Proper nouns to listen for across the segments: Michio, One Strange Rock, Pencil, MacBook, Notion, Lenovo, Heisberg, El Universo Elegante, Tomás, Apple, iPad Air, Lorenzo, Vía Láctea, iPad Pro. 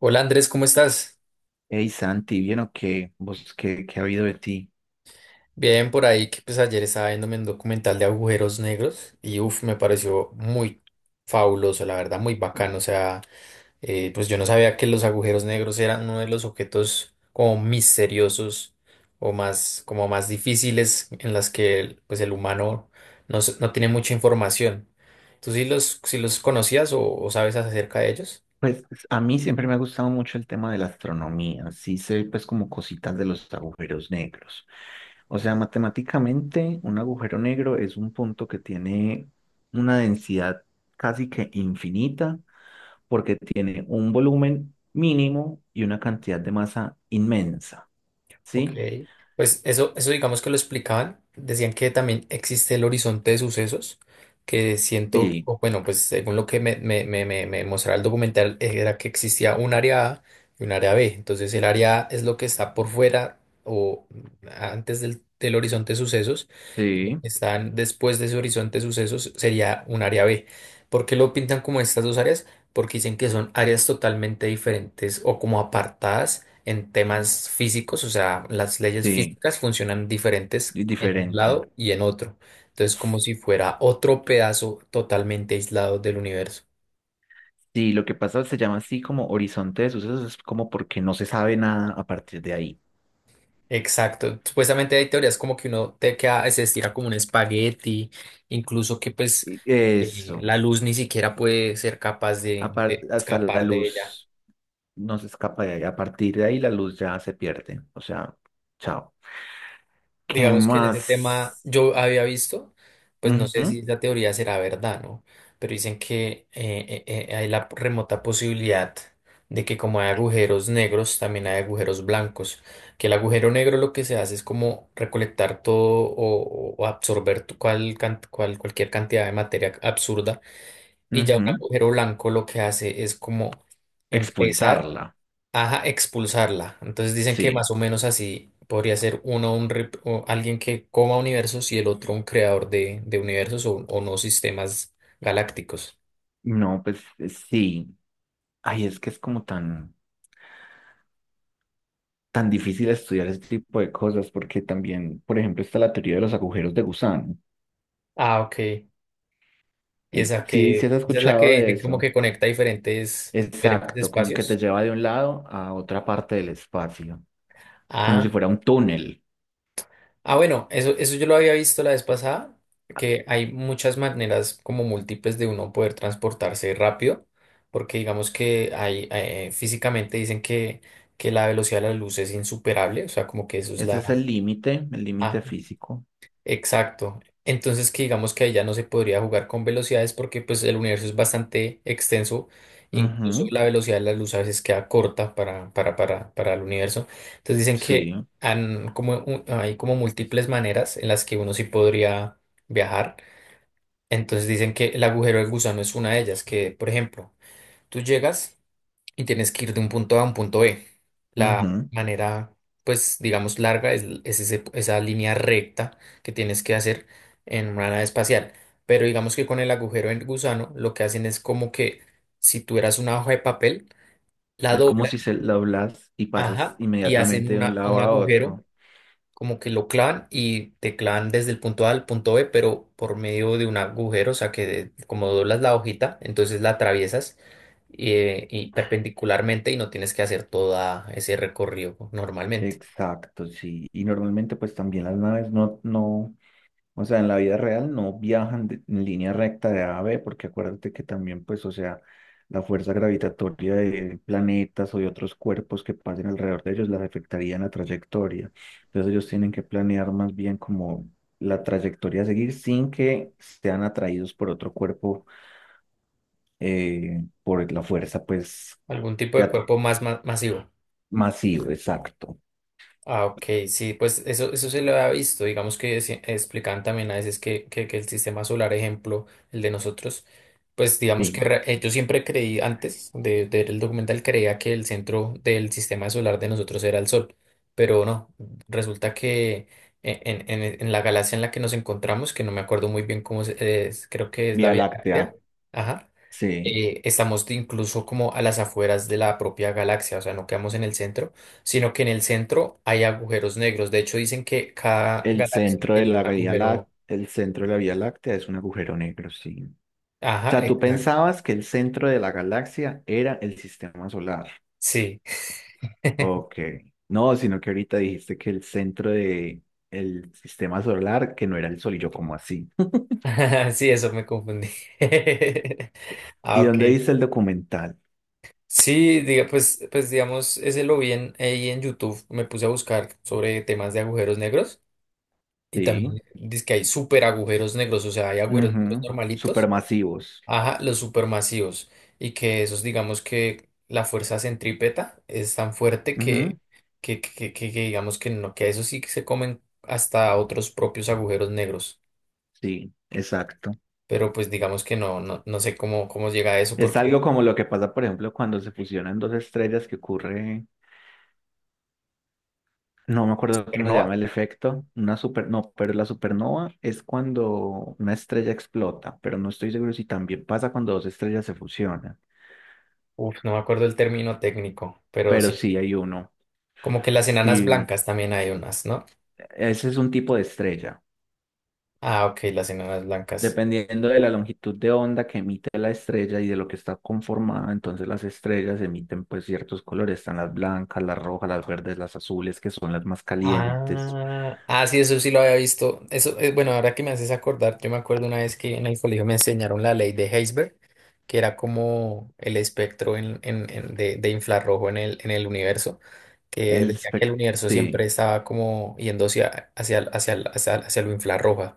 Hola Andrés, ¿cómo estás? Hey Santi, ¿bien o qué? ¿Vos qué, ha habido de ti? Bien, por ahí que pues ayer estaba viéndome un documental de agujeros negros y uff, me pareció muy fabuloso, la verdad, muy bacano. O sea, pues yo no sabía que los agujeros negros eran uno de los objetos como misteriosos o más, como más difíciles en las que pues el humano no, no tiene mucha información. ¿Tú sí los conocías o sabes acerca de ellos? Pues, a mí siempre me ha gustado mucho el tema de la astronomía, sí sé pues como cositas de los agujeros negros. O sea, matemáticamente un agujero negro es un punto que tiene una densidad casi que infinita porque tiene un volumen mínimo y una cantidad de masa inmensa, Ok, ¿sí? pues eso digamos que lo explicaban. Decían que también existe el horizonte de sucesos, que siento, Sí, o bueno, pues según lo que me mostraba el documental, era que existía un área A y un área B. Entonces el área A es lo que está por fuera o antes del horizonte de sucesos, y lo sí, que están después de ese horizonte de sucesos sería un área B. ¿Por qué lo pintan como estas dos áreas? Porque dicen que son áreas totalmente diferentes o como apartadas en temas físicos, o sea, las leyes sí, físicas funcionan diferentes y en un diferente. lado y en otro. Entonces, como si fuera otro pedazo totalmente aislado del universo. Sí, lo que pasa se llama así como horizonte de sucesos, es como porque no se sabe nada a partir de ahí. Exacto. Supuestamente hay teorías como que uno te queda, se estira como un espagueti, incluso que pues Y eso, la luz ni siquiera puede ser capaz de, de hasta la escapar de ella. luz no se escapa de ahí. A partir de ahí la luz ya se pierde. O sea, chao. ¿Qué Digamos que en ese tema más? yo había visto, pues no sé Ujú, si la teoría será verdad, ¿no? Pero dicen que hay la remota posibilidad de que como hay agujeros negros, también hay agujeros blancos, que el agujero negro lo que se hace es como recolectar todo o absorber cualquier cantidad de materia absurda, y ya un ujú. agujero blanco lo que hace es como empezar. Expulsarla. Ajá, expulsarla. Entonces dicen que Sí. más o menos así podría ser uno un o alguien que coma universos y el otro un creador de universos o no sistemas galácticos. No, pues sí. Ay, es que es como tan difícil estudiar este tipo de cosas porque también, por ejemplo, está la teoría de los agujeros de gusano. Ah, ok. Y esa Sí, sí que has esa es la que escuchado de dicen como eso. que conecta diferentes Exacto, como que te espacios. lleva de un lado a otra parte del espacio, como Ah, si fuera un túnel. ah, bueno, eso yo lo había visto la vez pasada, que hay muchas maneras como múltiples de uno poder transportarse rápido, porque digamos que hay, físicamente dicen que la velocidad de la luz es insuperable, o sea, como que eso es Ese la. es el Ah, límite físico. exacto. Entonces que digamos que ahí ya no se podría jugar con velocidades porque pues el universo es bastante extenso, incluso Ujú, la velocidad de la luz a veces queda corta para el universo. Entonces dicen que sí, han como, hay como múltiples maneras en las que uno sí podría viajar. Entonces dicen que el agujero del gusano es una de ellas, que por ejemplo, tú llegas y tienes que ir de un punto A a un punto B. La ujú. manera, pues, digamos, larga es esa línea recta que tienes que hacer en una nave espacial. Pero digamos que con el agujero en gusano, lo que hacen es como que si tú eras una hoja de papel, la Es como doblan, si se doblas y pasas ajá, y hacen inmediatamente de un un lado a agujero otro. como que lo clavan y te clavan desde el punto A al punto B, pero por medio de un agujero, o sea que como doblas la hojita, entonces la atraviesas y perpendicularmente y no tienes que hacer todo ese recorrido normalmente. Exacto, sí. Y normalmente pues también las naves no, no, o sea, en la vida real no viajan en línea recta de A a B, porque acuérdate que también, pues, o sea, la fuerza gravitatoria de planetas o de otros cuerpos que pasen alrededor de ellos las afectaría en la trayectoria. Entonces ellos tienen que planear más bien como la trayectoria a seguir sin que sean atraídos por otro cuerpo por la fuerza, pues, Algún tipo de ya t- cuerpo más masivo. masiva, exacto. Ah, ok, sí, pues eso se lo ha visto. Digamos que explican también a veces que, que el sistema solar, ejemplo, el de nosotros, pues digamos que Sí, yo siempre creí, antes de ver el documental, creía que el centro del sistema solar de nosotros era el Sol, pero no, resulta que en, en la galaxia en la que nos encontramos, que no me acuerdo muy bien cómo es, creo que es la Vía Vía Láctea, Láctea, ajá, sí. Estamos incluso como a las afueras de la propia galaxia, o sea, no quedamos en el centro, sino que en el centro hay agujeros negros. De hecho, dicen que cada El galaxia centro de tiene un la Vía agujero. Láctea, el centro de la Vía Láctea es un agujero negro, sí. O Ajá, sea, tú exacto. pensabas que el centro de la galaxia era el sistema solar. Sí, Ok. No, sino que ahorita dijiste que el centro de el sistema solar, que no era el Sol, y yo como así. sí, eso me confundí. Ah, ¿Y ok. dónde dice el documental? Sí, diga, pues digamos, ese lo vi ahí en YouTube, me puse a buscar sobre temas de agujeros negros y Sí. también dice que hay súper agujeros negros, o sea, hay agujeros negros Ujú. normalitos. Supermasivos. Ajá, los supermasivos. Y que esos, digamos que la fuerza centrípeta es tan fuerte que, Ujú. que, que, que- que digamos que no, que a eso sí que se comen hasta otros propios agujeros negros. Sí, exacto. Pero pues digamos que no sé cómo llega a eso, Es porque algo como lo que pasa, por ejemplo, cuando se fusionan dos estrellas que ocurre. No me acuerdo cómo se llama supernova, el efecto. Una super, no, pero la supernova es cuando una estrella explota, pero no estoy seguro si también pasa cuando dos estrellas se fusionan. uf, no me acuerdo el término técnico, pero Pero sí, sí hay uno. como que las enanas Sí, blancas también hay unas, ¿no? ese es un tipo de estrella. Ah, ok, las enanas blancas. Dependiendo de la longitud de onda que emite la estrella y de lo que está conformada, entonces las estrellas emiten pues ciertos colores. Están las blancas, las rojas, las verdes, las azules, que son las más calientes. Ah, ah, sí, eso sí lo había visto. Eso, bueno, ahora que me haces acordar, yo me acuerdo una vez que en el colegio me enseñaron la ley de Heisberg, que era como el espectro de infrarrojo en el universo, que El decía que el espectro. universo Sí, siempre estaba como yendo hacia lo infrarrojo.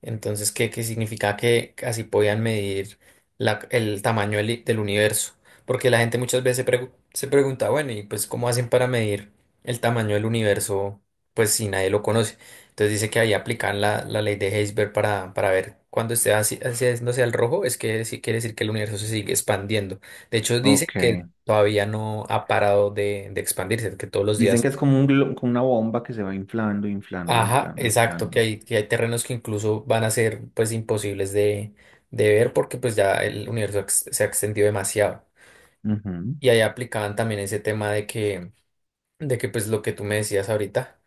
Entonces, ¿qué significa que así podían medir el tamaño del universo? Porque la gente muchas veces se pregunta, bueno, ¿y pues cómo hacen para medir el tamaño del universo? Pues si nadie lo conoce. Entonces dice que ahí aplican la ley de Heisberg para ver cuando esté así, haciéndose al rojo, es que sí quiere decir que el universo se sigue expandiendo. De hecho, dice ok. que todavía no ha parado de expandirse, que todos los Dicen días. que es como, como una bomba que se va inflando, inflando, Ajá, inflando, exacto, que inflando. hay, que hay terrenos que incluso van a ser pues imposibles de ver porque pues ya el universo se ha extendido demasiado. Ujú, Y ahí aplicaban también ese tema de que pues lo que tú me decías ahorita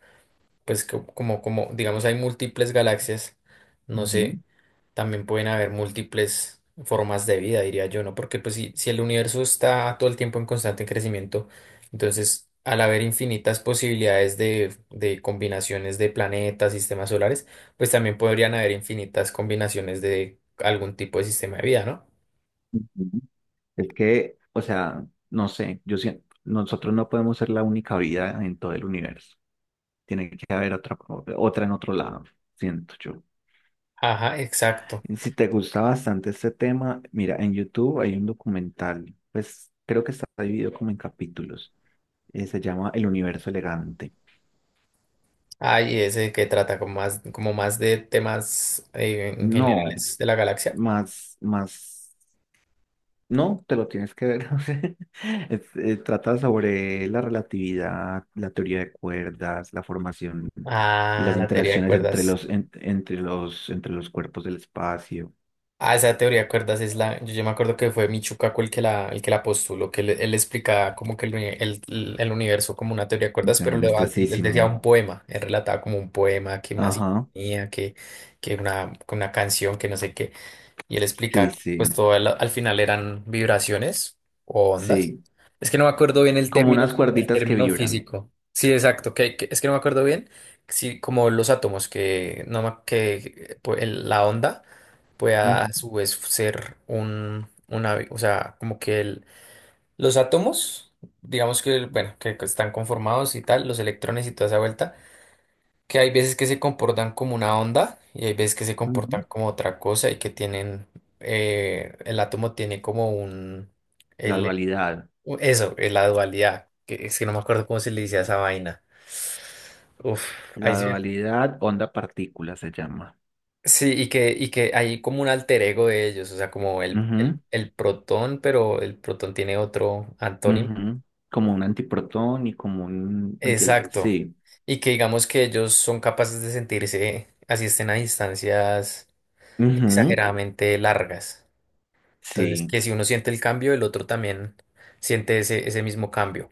pues como, digamos, hay múltiples galaxias, no ujú, sé, también pueden haber múltiples formas de vida, diría yo, ¿no? Porque pues si el universo está todo el tiempo en constante crecimiento, entonces al haber infinitas posibilidades de combinaciones de planetas, sistemas solares, pues también podrían haber infinitas combinaciones de algún tipo de sistema de vida, ¿no? ujú. Es que, o sea, no sé, yo siento, nosotros no podemos ser la única vida en todo el universo. Tiene que haber otra, otra en otro lado, siento yo. Ajá, exacto. Y si te gusta bastante este tema, mira, en YouTube hay un documental, pues creo que está dividido como en capítulos. Se llama El Universo Elegante. Ahí ese que trata como más de temas en No, generales de la galaxia. más, más. No, te lo tienes que ver. O sea, trata sobre la relatividad, la teoría de cuerdas, la formación y Ah, las la teoría de interacciones entre cuerdas. Entre entre los cuerpos del espacio. Ah, esa teoría de cuerdas es la. Yo me acuerdo que fue Michio el que la postuló, que él explicaba como que el universo como una teoría de Y cuerdas, se pero llama él decía anestesísimo. un poema. Él relataba como un poema, que una Ajá, sinfonía, que una canción, que no sé qué. Y él sí, explica que pues sí, todo al final eran vibraciones o ondas. sí. Es que no me acuerdo bien Como unas el cuerditas que término vibran. físico. Sí, exacto, es que no me acuerdo bien si como los átomos que no me- que pues, la onda pueda Ujú, a su vez ser un una, o sea, como que los átomos, digamos que bueno, que están conformados y tal, los electrones y toda esa vuelta que hay veces que se comportan como una onda y hay veces que se comportan ujú. como otra cosa y que tienen, el átomo tiene como La el, dualidad. Eso, la dualidad, que es que no me acuerdo cómo se le decía a esa vaina. Uf, ahí La sí, dualidad onda-partícula se llama. sí, y que hay como un alter ego de ellos, o sea, como el, el, Ujú, el protón, pero el protón tiene otro antónimo. ujú. Como un antiprotón y como un anti... Exacto. Sí. Y que digamos que ellos son capaces de sentirse, así estén a distancias Ujú, exageradamente largas. Entonces, sí. que si uno siente el cambio, el otro también siente ese mismo cambio.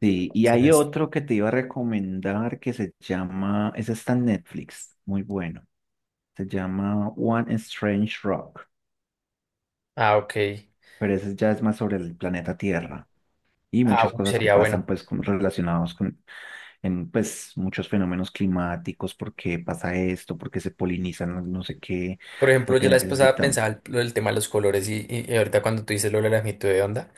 Sí, y Si no hay es- otro que te iba a recomendar que se llama, ese está en Netflix, muy bueno. Se llama One Strange Rock, Ah, ok. pero ese ya es más sobre el planeta Tierra y Ah, muchas uy, cosas que sería pasan bueno. pues relacionados con en pues muchos fenómenos climáticos, por qué pasa esto, por qué se polinizan no sé qué, Por por ejemplo, qué yo la vez pasada necesitamos. pensaba lo del tema de los colores y ahorita cuando tú dices lo de la longitud de onda,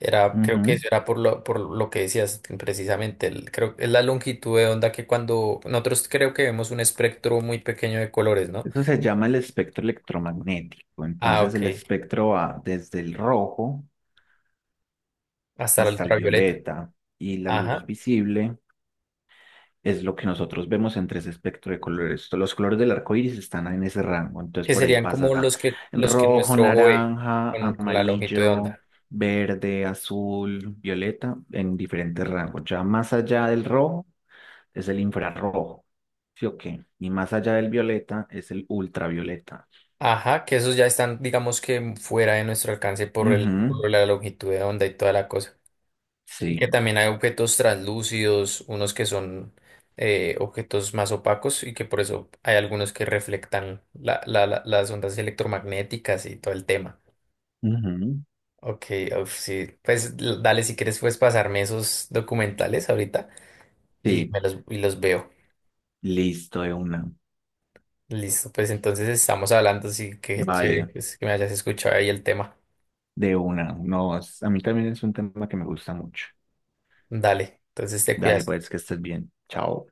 era, creo que Ujú. eso era por lo que decías precisamente. El creo es la longitud de onda que cuando nosotros creo que vemos un espectro muy pequeño de colores, ¿no? Eso se llama el espectro electromagnético. Ah, Entonces ok. el espectro va desde el rojo Hasta la hasta el ultravioleta. violeta y la luz Ajá, visible es lo que nosotros vemos entre ese espectro de colores. Los colores del arco iris están en ese rango, entonces que por ahí serían como pasa los que rojo, nuestro ojo ve naranja, con la longitud de amarillo, onda. verde, azul, violeta, en diferentes rangos. Ya más allá del rojo es el infrarrojo, ¿sí o qué? Y más allá del violeta es el ultravioleta. Ajá, que esos ya están, digamos que fuera de nuestro alcance por el, por Ujú, la longitud de onda y toda la cosa. Y que sí, también hay objetos translúcidos, unos que son objetos más opacos y que por eso hay algunos que reflectan las ondas electromagnéticas y todo el tema. ujú, Ok, uf, sí, pues dale, si quieres puedes pasarme esos documentales ahorita y sí, y los veo. listo de una. Listo, pues entonces estamos hablando, así que chévere Vale. pues, que me hayas escuchado ahí el tema. De una, no, a mí también es un tema que me gusta mucho. Dale, entonces te Dale, cuidas. pues, que estés bien. Chao.